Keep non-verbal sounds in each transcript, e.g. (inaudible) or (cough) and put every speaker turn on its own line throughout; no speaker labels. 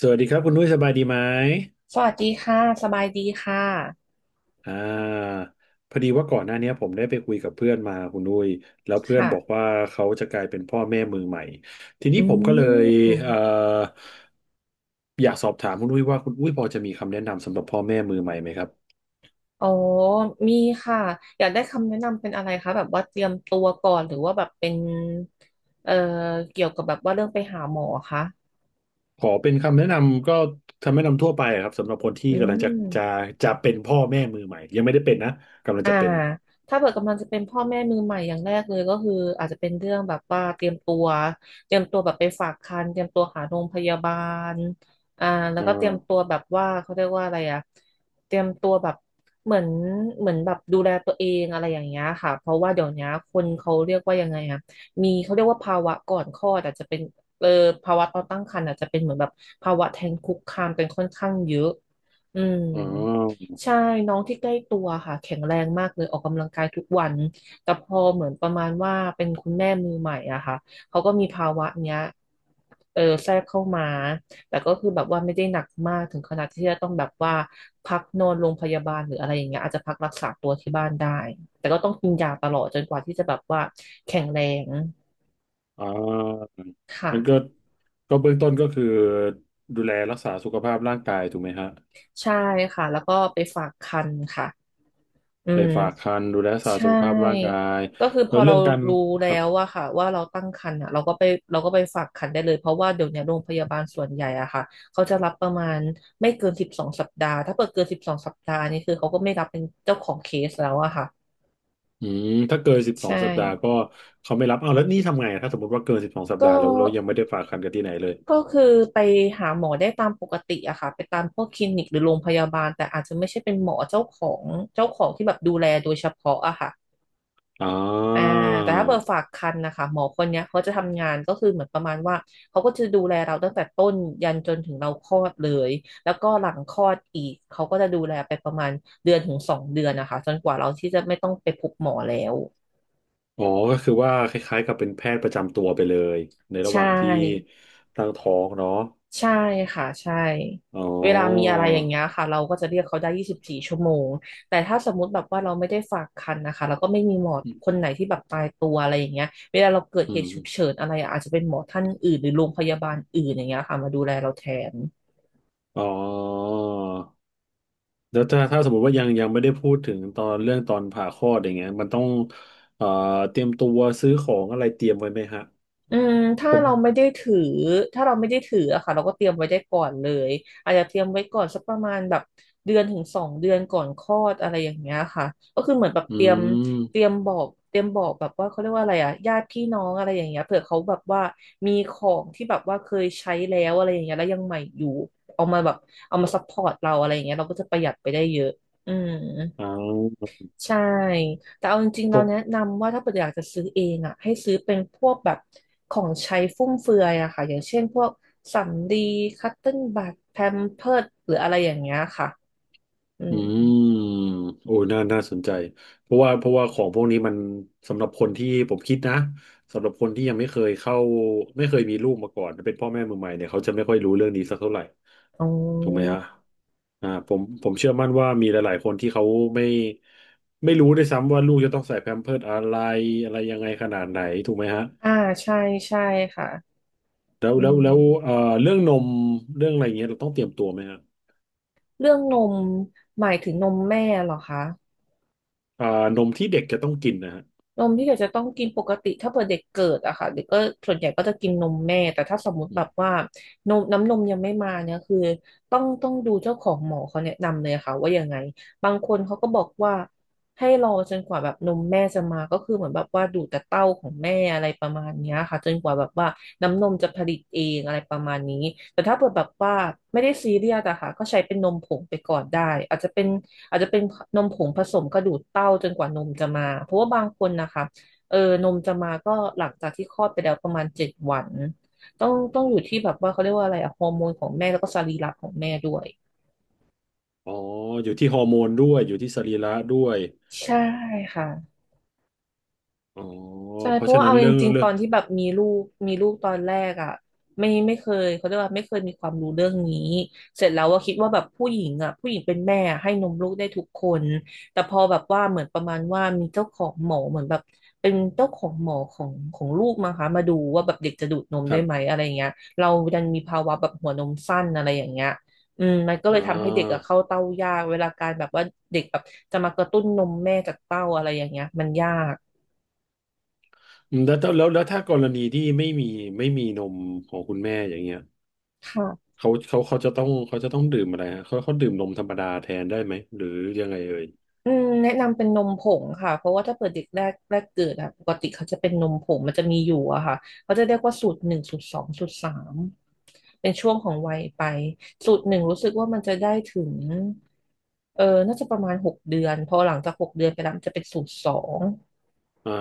สวัสดีครับคุณนุ้ยสบายดีไหม
สวัสดีค่ะ สบายดีค่ะ
อ่าพอดีว่าก่อนหน้าเนี้ยผมได้ไปคุยกับเพื่อนมาคุณนุ้ยแล้วเพื่อนบอก
ค่ะ
ว่าเขาจะกลายเป็นพ่อแม่มือใหม่ทีนี้
อื
ผมก็เลยเอ่อ
ม
อยากสอบถามคุณนุ้ยว่าคุณนุ้ยพอจะมีคำแนะนำสำหรับพ่อแม่มือใหม่ไหมครับ
อ๋อ มีค่ะ อยากได้คำแนะนำเป็นอะไรคะ แบบว่าเตรียมตัวก่อน หรือว่าแบบเป็น เอ่อเกี่ยวกับแบบว่าเรื่องไปหาหมอคะ
ขอเป็นคำแนะนำก็คำแนะนำทั่วไปอะครับสำหรับคนที่
อื
กำลังจะจะ
ม
จะเป็นพ่อแม่มือใหม่ยังไม่ได้เป็นนะกำลัง
อ่า
จะเป็น
ถ้าเกิดกำลังจะเป็นพ่อแม่มือใหม่อย่างแรกเลยก็คืออาจจะเป็นเรื่องแบบว่าเตรียมตัวแบบไปฝากครรภ์เตรียมตัวหาโรงพยาบาลอ่าแล้ว
อ่
ก็เตรียมตั
า
วแบบว่าเขาเรียกว่าอะไรอะเตรียมตัวแบบเหมือนเหมือนแบบดูแลตัวเองอะไรอย่างเงี้ยค่ะเพราะว่าเดี๋ยวนี้คนเขาเรียกว่ายังไงอะมีเขาเรียกว่าภาวะก่อนคลอดอาจจะเป็นเออภาวะตอนตั้งครรภ์อาจจะเป็นเหมือนแบบภาวะแท้งคุกคามกันค่อนข้างเยอะอืม
อ๋อ
ใช่น้องที่ใกล้ตัวค่ะแข็งแรงมากเลยออกกำลังกายทุกวันแต่พอเหมือนประมาณว่าเป็นคุณแม่มือใหม่อะค่ะเขาก็มีภาวะเนี้ยแทรกเข้ามาแต่ก็คือแบบว่าไม่ได้หนักมากถึงขนาดที่จะต้องแบบว่าพักนอนโรงพยาบาลหรืออะไรอย่างเงี้ยอาจจะพักรักษาตัวที่บ้านได้แต่ก็ต้องกินยาตลอดจนกว่าที่จะแบบว่าแข็งแรง
อ่า
ค่ะ
มันก็เบื้องต้นก็คือดูแลรักษาสุขภาพร่างกายถูกไหมฮะ
ใช่ค่ะแล้วก็ไปฝากครรภ์ค่ะอื
ไป
ม
ฝากครรภ์ดูแลรักษา
ใช่
สุขภาพร่างกาย
ก็คือพ
แล้ว
อ
เรื่
เรา
องการ
รู้
ค
แล้
รับ
วว่าค่ะว่าเราตั้งครรภ์อ่ะเราก็ไปฝากครรภ์ได้เลยเพราะว่าเดี๋ยวเนี้ยโรงพยาบาลส่วนใหญ่อะค่ะเขาจะรับประมาณไม่เกินสิบสองสัปดาห์ถ้าเปิดเกินสิบสองสัปดาห์นี่คือเขาก็ไม่รับเป็นเจ้าของเคสแล้วอะค่ะ
อืมถ้าเกินสิบสอ
ใช่
งสัปดาห์ก็เขาไม่รับเอาวแล้วนี่ทำไงถ้าสมมติว่าเกินสิบสองสัป
ก็
ดาห์แล้วเรายังไม่ได้ฝากครรภ์กันที่ไหนเลย
ก็คือไปหาหมอได้ตามปกติอะค่ะไปตามพวกคลินิกหรือโรงพยาบาลแต่อาจจะไม่ใช่เป็นหมอเจ้าของที่แบบดูแลโดยเฉพาะอะค่ะ
อ่
อ่าแต่ถ้าเบอ
า
ร์ฝากครรภ์นะคะหมอคนเนี้ยเขาจะทำงานก็คือเหมือนประมาณว่าเขาก็จะดูแลเราตั้งแต่ต้นยันจนถึงเราคลอดเลยแล้วก็หลังคลอดอีกเขาก็จะดูแลไปประมาณเดือนถึงสองเดือนนะคะจนกว่าเราที่จะไม่ต้องไปพบหมอแล้ว
อ๋อก็คือว่าคล้ายๆกับเป็นแพทย์ประจำตัวไปเลยในระ
ใช
หว่างที่
่
ตั้งท้องเนาะ
ใช่ค่ะใช่
อ๋
เวลามี
อ
อะไรอย่างเงี้ยค่ะเราก็จะเรียกเขาได้24 ชั่วโมงแต่ถ้าสมมุติแบบว่าเราไม่ได้ฝากครรภ์นะคะแล้วก็ไม่มีหมอคนไหนที่แบบตายตัวอะไรอย่างเงี้ยเวลาเราเกิด
อื
เหตุฉุก
ม
เฉินอะไรอะอาจจะเป็นหมอท่านอื่นหรือโรงพยาบาลอื่นอย่างเงี้ยค่ะมาดูแลเราแทน
อ๋อ แล้วถ้าสมมติว่ายังไม่ได้พูดถึงตอนเรื่องตอนผ่าคลอดอย่างเงี้ยมันต้องเอ่อเตรียมตัวซื้อของอะไรเตรียมไว้ไหมฮะ
อืมถ้า
ผ
เราไม่
ม
ได้ถือถ้าเราไม่ได้ถืออะค่ะเราก็เตรียมไว้ได้ก่อนเลยอาจจะเตรียมไว้ก่อนสักประมาณแบบเดือนถึงสองเดือนก่อนคลอดอะไรอย่างเงี้ยค่ะก็คือเหมือนแบบ
อื
เตรียม
ม
เตรียมบอกแบบว่าเขาเรียกว่าอะไรอะญาติพี่น้องอะไรอย่างเงี้ยเผื่อเขาแบบว่ามีของที่แบบว่าเคยใช้แล้วอะไรอย่างเงี้ยแล้วยังใหม่อยู่เอามาแบบเอามาซัพพอร์ตเราอะไรอย่างเงี้ยเราก็จะประหยัดไปได้เยอะอืม
อ่า
ใช่ แต่เอาจริงๆ
พ
เรา
วก
แนะนำว่าถ้าเกิดอยากจะซื้อเองอ่ะให้ซื้อเป็นพวกแบบของใช้ฟุ่มเฟือยอะค่ะ อย่างเช่นพวกสำลีคัตเติ้ลบัดแพมเพิร์สหรืออะไรอย่างเงี้ยค่ะอื
อื
ม
มโอ้ยน่าน่าสนใจเพราะว่าของพวกนี้มันสำหรับคนที่ผมคิดนะสำหรับคนที่ยังไม่เคยเข้าไม่เคยมีลูกมาก่อนเป็นพ่อแม่มือใหม่เนี่ยเขาจะไม่ค่อยรู้เรื่องนี้สักเท่าไหร่
อ๋
ถูกไหม
อ
ฮะอ่าผมเชื่อมั่นว่ามีหลายๆคนที่เขาไม่รู้ด้วยซ้ำว่าลูกจะต้องใส่แพมเพิร์สอะไรอะไรยังไงขนาดไหนถูกไหมฮะ
อ่าใช่ใช่ค่ะ
แล้ว
อื
แล้ว
ม
แล้วเรื่องนมเรื่องอะไรอย่างเงี้ยเราต้องเตรียมตัวไหมฮะ
เรื่องนมหมายถึงนมแม่เหรอคะ
อ่านมที่เด็กจะต้องกินนะฮะ
นมที่เด็กจะต้องกินปกติถ้าเผื่อเด็กเกิดอะค่ะเด็กก็ส่วนใหญ่ก็จะกินนมแม่แต่ถ้าสมมุติ
อ
แบบ
ม
ว่านมน้ำนมยังไม่มาเนี่ยคือต้องดูเจ้าของหมอเขาแนะนำเลยค่ะว่ายังไงบางคนเขาก็บอกว่าให้รอจนกว่าแบบนมแม่จะมาก็คือเหมือนแบบว่าดูดแต่เต้าของแม่อะไรประมาณเนี้ยค่ะจนกว่าแบบว่าน้ำนมจะผลิตเองอะไรประมาณนี้แต่ถ้าเผื่อแบบว่าไม่ได้ซีเรียสอะค่ะก็ใช้เป็นนมผงไปก่อนได้อาจจะเป็น อาจจะเป็นนมผงผสมกระดูกเต้าจนกว่านมจะมา เพราะว่าบางคนนะคะเออนมจะมาก็หลังจากที่คลอดไปแล้วประมาณ7 วันต้องอยู่ที่แบบว่าเขาเรียกว่าอะไรอะฮอร์โมนของแม่แล้วก็สรีระของแม่ด้วย
อ๋ออยู่ที่ฮอร์โมนด้วยอยู่ที่สรีระด้วย
ใช่ค่ะ
อ๋อ
ใช่
เพ
เพ
ราะ
ราะ
ฉะ
ว่า
นั้น
เอาจ
เรื่อง
ริง
เรื่
ๆต
อง
อนที่แบบมีลูกตอนแรกอ่ะไม่เคยเขาเรียกว่าไม่เคยมีความรู้เรื่องนี้เสร็จแล้วว่าคิดว่าแบบผู้หญิงอ่ะผู้หญิงเป็นแม่อะให้นมลูกได้ทุกคนแต่พอแบบว่าเหมือนประมาณว่ามีเจ้าของหมอเหมือนแบบเป็นเจ้าของหมอของลูกมั้งคะมาดูว่าแบบเด็กจะดูดนม
ค
ได้
รับ
ไหมอะไรอย่างเงี้ยเราดันมีภาวะแบบหัวนมสั้นอะไรอย่างเงี้ยอืมมันก็เล
อ่
ยทำให้เด็กอะ
า
เข้าเต้ายากเวลาการแบบว่าเด็กแบบจะมากระตุ้นนมแม่จากเต้าอะไรอย่างเงี้ยมันยาก
อืมแล้วแล้วแล้วแล้วถ้ากรณีที่ไม่มีไม่มีนมของคุณแม่อย่างเงี้ย
ค่ะ
เขาเขาเขาจะต้องเขาจะต้องดื่มอะไรฮะเขาเขาดื่มนมธรรมดาแทนได้ไหมหรือยังไงเอ่ย
อืมแนะนำเป็นนมผงค่ะเพราะว่าถ้าเปิดเด็กแรกเกิดอะปกติเขาจะเป็นนมผงมันจะมีอยู่อะค่ะเขาจะเรียกว่าสูตรหนึ่งสูตรสองสูตรสามเป็นช่วงของวัยไปสูตรหนึ่งรู้สึกว่ามันจะได้ถึง
อื
เออน่าจะประมาณหกเดือนพอหลังจากหกเดือนไปแล้วมันจะเป็นสูตรสอง
อ่า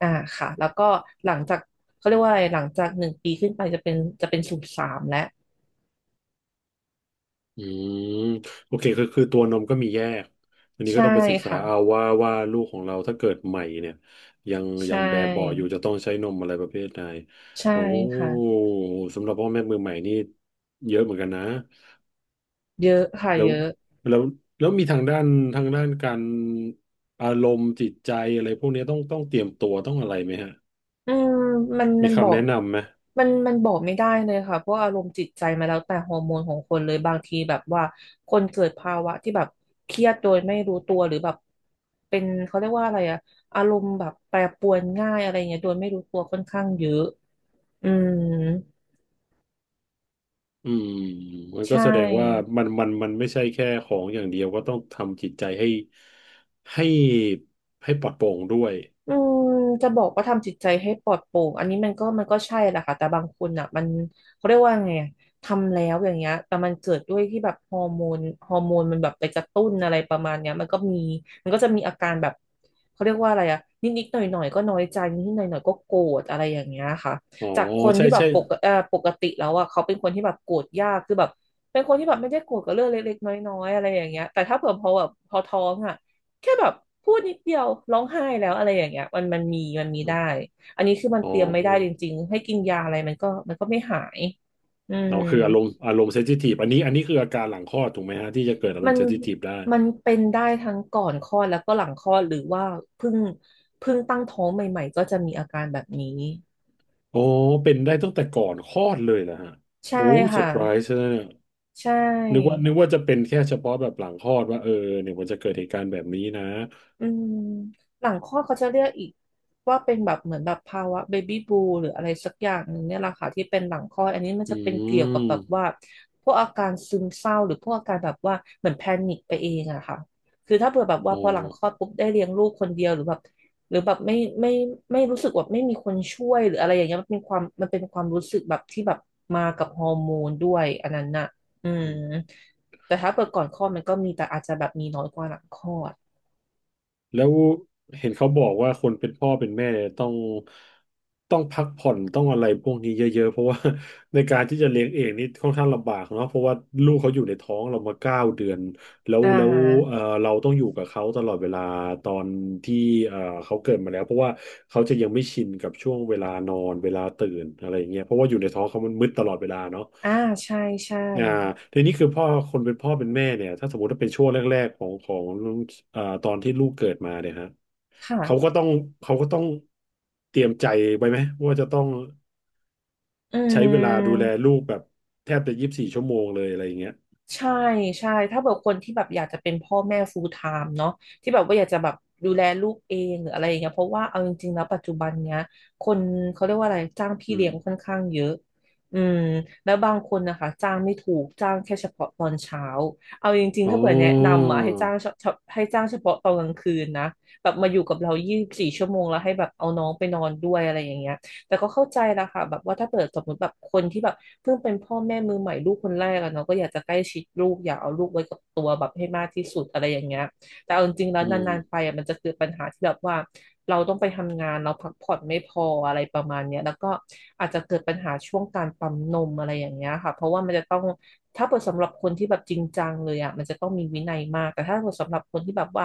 อ่าค่ะแล้วก็หลังจากเขาเรียกว่าอะไรหลังจาก1 ปีขึ้นไปจะเป็นจะเป็นสูตรสามแล้ว
อืมโอเคคือคือตัวนมก็มีแยกอันนี้ก็
ใช่
ต้องไปศึกษา
ค่ะ
เอาว่าลูกของเราถ้าเกิดใหม่เนี่ยยัง
ใช
แบบเบาะอยู่
่
จะต้องใช้นมอะไรประเภทไหน
ใช่
โอ้
ค่ะ
สำหรับพ่อแม่มือใหม่นี่เยอะเหมือนกันนะ
เยอะค่ะ
แล้ว
เยอะ
แล้วแล้วมีทางด้านทางด้านการอารมณ์จิตใจอะไรพวกนี้ต้องเตรียมตัวต้องอะไรไหมฮะ
อืมมัน
มี
มันบอ
คำ
ก
แนะนำไหม
มันบอกไม่ได้เลยค่ะเพราะอารมณ์จิตใจมาแล้วแต่ฮอร์โมนของคนเลยบางทีแบบว่าคนเกิดภาวะที่แบบเครียดโดยไม่รู้ตัวหรือแบบเป็นเขาเรียกว่าอะไรอะอารมณ์แบบแปรปรวนง่ายอะไรเงี้ยโดยไม่รู้ตัวค่อนข้างเยอะอืม
อืมมัน
ใช
ก็แสดงว่า
่
มันมันไม่ใช่แค่ของอย่างเดียวก็ต้องทำจิตใจให้ให้ให้ปลอดโปร่งด้วย
อืมจะบอกว่าทำจิตใจให้ปลอดโปร่งอันนี้มันก็ใช่แหละค่ะแต่บางคนอ่ะมันเขาเรียกว่าไงอะทำแล้วอย่างเงี้ยแต่มันเกิดด้วยที่แบบฮอร์โมนมันแบบไปกระตุ้นอะไรประมาณเนี้ยมันก็มีมันก็จะมีอาการแบบเขาเรียกว่าอะไรอ่ะนิดๆหน่อยๆก็น้อยใจนิดๆหน่อยๆก็โกรธอะไรอย่างเงี้ยค่ะ
อ๋อ
จากคน
ใช่
ที่แบบ
ใช่
ปกติแล้วอ่ะเขาเป็นคนที่แบบโกรธยากคือแบบเป็นคนที่แบบไม่ได้โกรธกับเรื่องเล็กๆน้อยๆอะไรอย่างเงี้ยแต่ถ้าเผื่อพอแบบพอท้องอ่ะ แค่แบบพูดนิดเดียวร้องไห้แล้วอะไรอย่างเงี้ยมันมี
อ
ได้
ม
อันนี้คือมัน
อ๋
เตรียมไม่ได้จ
อ
ริงๆให้กินยาอะไรมันก็ไม่หายอืม
อ๋อคืออารมณ์อารมณ์เซนซิทีฟอันนี้อันนี้คืออาการหลังคลอดถูกไหมฮะที่จะเกิดอาร
มั
มณ์
น
เซนซิทีฟได้
มันเป็นได้ทั้งก่อนคลอดแล้วก็หลังคลอดหรือว่าเพิ่งเพิ่งตั้งท้องใหม่ๆก็จะมีอาการแบบนี้
อ๋อเป็นได้ตั้งแต่ก่อนคลอดเลยเหรอฮะ
ใช่
โอ้เซอ
ค่ะ
ร์ไพรส์นะเนี่ย
ใช
นึกว่า
่
จะเป็นแค่เฉพาะแบบหลังคลอดว่าเออเนี่ยมันจะเกิดเหตุการณ์แบบนี้นะ
อืมหลังคลอดเขาจะเรียกอีกว่าเป็นแบบเหมือนแบบภาวะเบบี้บูหรืออะไรสักอย่างหนึ่งเนี่ยแหละค่ะที่เป็นหลังคลอดอันนี้มัน
อื
จะเป็นเกี่ยวกับแบบ
ม
ว่าพวกอาการซึมเศร้าหรือพวกอาการแบบว่าเหมือนแพนิคไปเองอะค่ะคือถ้าเผื่อแบบว่า
อ๋อ
พอหลังคลอดปุ๊บได้เลี้ยงลูกคนเดียวหรือแบบหรือแบบไม่ไม่รู้สึกว่าไม่มีคนช่วยหรืออะไรอย่างเงี้ยมันเป็นความมันเป็นความรู้สึกแบบที่แบบมากับฮอร์โมนด้วยอันนั้นน่ะอืมแต่ถ้าเปิดก่อนคลอดมันก็มีแต่อาจจะแบบมีน้อยกว่าหลังคลอด
แล้วเห็นเขาบอกว่าคนเป็นพ่อเป็นแม่เนี่ยต้องพักผ่อนต้องอะไรพวกนี้เยอะๆเพราะว่า (laughs) ในการที่จะเลี้ยงเองนี่ค่อนข้างลำบากเนาะเพราะว่าลูกเขาอยู่ในท้องเรามา9 เดือนแล้ว
อ่
เอ่
า
อเราต้องอยู่กับเขาตลอดเวลาตอนที่เอ่อเขาเกิดมาแล้วเพราะว่าเขาจะยังไม่ชินกับช่วงเวลานอนเวลาตื่นอะไรอย่างเงี้ยเพราะว่าอยู่ในท้องเขามันมืดตลอดเวลาเนาะ
อ่าใช่ใช่
อ่าทีนี้คือพ่อคนเป็นพ่อเป็นแม่เนี่ยถ้าสมมติว่าเป็นช่วงแรกๆของของอ่าตอนที่ลูกเกิดมาเนี่ยฮะเขาก็
ค่ะ
ต้องเขาก็ต้องเตรียมใจไว้ไหมว่าจะต้อง
อื
ใช้เวลาดูแล
ม
ลูกแบบแทบจะ24 ชั่วโมงเลยอะไรอย่างเงี้ย
ใช่ใช่ถ้าแบบคนที่แบบอยากจะเป็นพ่อแม่ full time เนาะที่แบบว่าอยากจะแบบดูแลลูกเองหรืออะไรอย่างเงี้ยเพราะว่าเอาจริงๆแล้วปัจจุบันเนี้ยคนเขาเรียกว่าอะไรจ้างพี่
อื
เลี้
ม
ยงค่อนข้างเยอะอืมแล้วบางคนนะคะจ้างไม่ถูกจ้างแค่เฉพาะตอนเช้าเอาจริงๆ
อ๋
ถ้าเผื่อแนะ
อ
นำอ่ะให้จ้างเฉพาะตอนกลางคืนนะแบบมาอยู่กับเรา24 ชั่วโมงแล้วให้แบบเอาน้องไปนอนด้วยอะไรอย่างเงี้ย แต่ก็เข้าใจนะคะแบบว่าถ้าเปิดสมมติแบบคนที่แบบเพิ่งเป็นพ่อแม่มือใหม่ลูกคนแรกอะเนาะก็อยากจะใกล้ชิดลูกอยากเอาลูกไว้กับตัวแบบให้มากที่สุดอะไรอย่างเงี้ยแต่เอาจริงๆแล้
อื
ว
ม
นานๆไปอะมันจะเกิดปัญหาที่แบบว่าเราต้องไปทำงานเราพักผ่อนไม่พออะไรประมาณเนี้ยแล้วก็อาจจะเกิดปัญหาช่วงการปั๊มนมอะไรอย่างเงี้ยค่ะเพราะว่ามันจะต้องถ้าเปิดสำหรับคนที่แบบจริงจังเลยอ่ะมันจะต้องมีวินัยมากแต่ถ้าเปิดสำหรับคนที่แบบว่า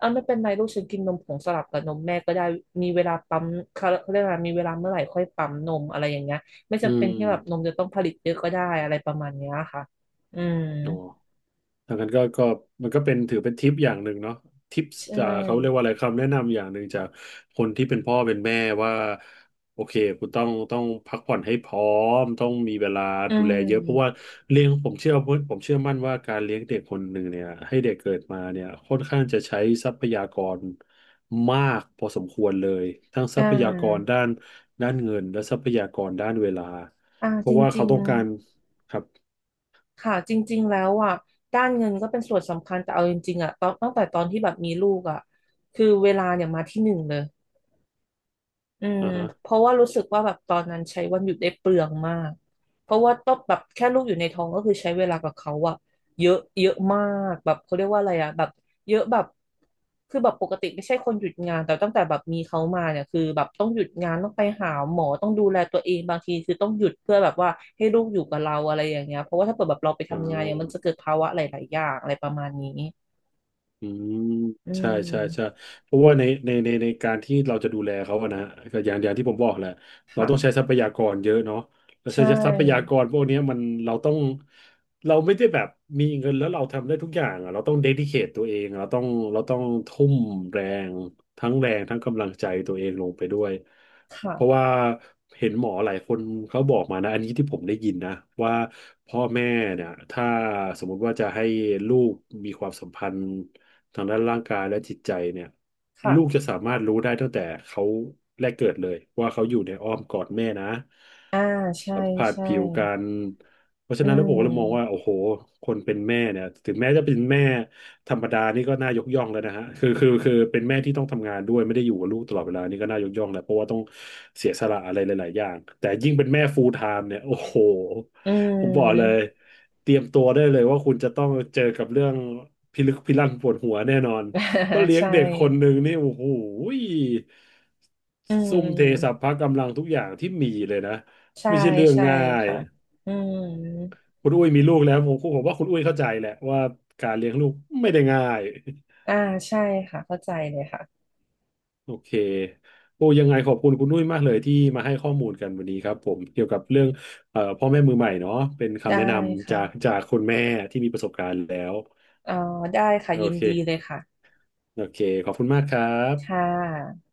ออาไม่เป็นไรลูกฉันกินนมผงสลับกับนมแม่ก็ได้มีเวลาปั๊มเขาเรียกว่ามีเวลาเมื่อไหร่ค่อยปั๊มนมอะไรอย่างเงี้ยไม่
อื
จำเป็น
ม
ที่แบบนมจะต้องผลิตเยอะก็ได้อะไรประมาณเนี้ยค่ะอืม
อ๋อ ดังนั้นก็มันก็เป็นถือเป็นทิปอย่างหนึ่งเนาะทิป
ใช
เขาเรียก
่
ว่าอะไรคำแนะนำอย่างหนึ่งจากคนที่เป็นพ่อเป็นแม่ว่าโอเคคุณต้องพักผ่อนให้พร้อมต้องมีเวลา
อื
ดูแลเยอะเพราะว่า
ม
เลี้ยงผมเชื่อมั่นว่าการเลี้ยงเด็กคนหนึ่งเนี่ยให้เด็กเกิดมาเนี่ยค่อนข้างจะใช้ทรัพยากรมากพอสมควรเลยทั้งท
อ่
รัพยากร
า
ด้านเงินและทรัพยากรด้านเวลา
อ่า
เพ
จ
ราะว่าเขา
ริง
ต้องการครับ
ๆค่ะจริงๆแล้วอ่ะด้านเงินก็เป็นส่วนสำคัญแต่เอาจริงๆอ่ะตอนตั้งแต่ตอนที่แบบมีลูกอ่ะคือเวลาเนี่ยมาที่หนึ่งเลย อืม
อ่าฮะ
เพราะว่ารู้สึกว่าแบบตอนนั้นใช้วันหยุดได้เปลืองมากเพราะว่าต้องแบบแค่ลูกอยู่ในท้องก็คือใช้เวลากับเขาอะเยอะเยอะมากแบบเขาเรียกว่าอะไรอะแบบเยอะแบบคือแบบปกติไม่ใช่คนหยุดงานแต่ตั้งแต่แบบมีเขามาเนี่ยคือแบบต้องหยุดงานต้องไปหาหมอต้องดูแลตัวเองบางทีคือต้องหยุดเพื่อแบบว่าให้ลูกอยู่กับเราอะไรอย่างเงี้ยเพราะว่าถ้าเปิดแบบเราไป
อ๋อ
ทำงานเนี่ยมันจะเกิดภาวะหลายๆอย่างอะไรประมาณนี้
อืม
อื
ใช่ใช่ใช่
ม
เพราะว่าในการที่เราจะดูแลเขาอะนะก็อย่างที่ผมบอกแหละเรา
ค่ะ
ต้องใช้ทรัพยากรเยอะเนาะแล้ว
ใช
ใช้ทรัพยาก
่
รพวกเนี้ยมันเราต้องเราไม่ได้แบบมีเงินแล้วเราทำได้ทุกอย่างอะเราต้องเดดิเคทตัวเองเราต้องทุ่มแรงทั้งแรงทั้งกำลังใจตัวเองลงไปด้วยเพราะ
ค่ะ
ว่าเห็นหมอหลายคนเขาบอกมานะอันนี้ที่ผมได้ยินนะว่าพ่อแม่เนี่ยถ้าสมมุติว่าจะให้ลูกมีความสัมพันธ์ ทางด้านร่างกายและจิตใจเนี่ย
ค่ะ
ลูกจะสามารถรู้ได้ตั้งแต่เขาแรกเกิดเลยว่าเขาอยู่ในอ้อมกอดแม่นะ
อ่าใช่
สัมผัส
ใช่
ผิวกันเพราะฉะ
อื
นั้นแล้วผม
ม
ก็เลยมองว่าโอ้โหคนเป็นแม่เนี่ยถึงแม้จะเป็นแม่ธรรมดานี่ก็น่ายกย่องแล้วนะฮะคือเป็นแม่ที่ต้องทำงานด้วยไม่ได้อยู่กับลูกตลอดเวลานี่ก็น่ายกย่องแหละเพราะว่าต้องเสียสละอะไรหลายๆอย่างแต่ยิ่งเป็นแม่ full time เนี่ยโอ้โห
อื
ผมบอกเลย
ม
เตรียมตัวได้เลยว่าคุณจะต้องเจอกับเรื่องพิลึกพิลั่นปวดหัวแน่นอนเพราะ
(laughs)
เลี้ยง
ใช่
เด็กคนหนึ่งนี่โอ้โห
อื
ซุ่มเทสรร
ม
พกำลังทุกอย่างที่มีเลยนะ
ใช่
ไม่ใช่เรื่อง
ใช่
ง่าย
ค่ะอืม
คุณอุ้ยมีลูกแล้วผมว่าคุณอุ้ยเข้าใจแหละว่าการเลี้ยงลูกไม่ได้ง่าย
อ่าใช่ค่ะเข้าใจเลยค่ะ
โอเคโอ้ยังไงขอบคุณคุณนุ้ยมากเลยที่มาให้ข้อมูลกันวันนี้ครับผมเกี่ยวกับเรื่องพ่อแม่มือใหม่เนาะเป็นคำ
ได้
แนะนำจาก
ค่ะ
จากคุณแม่ที่มีประสบการณ์แล้ว
อ๋อได้ค่ะ
โอ
ยิน
เค
ดีเลยค่ะ
โอเค ขอบคุณมากครั
ค่
บ
ะ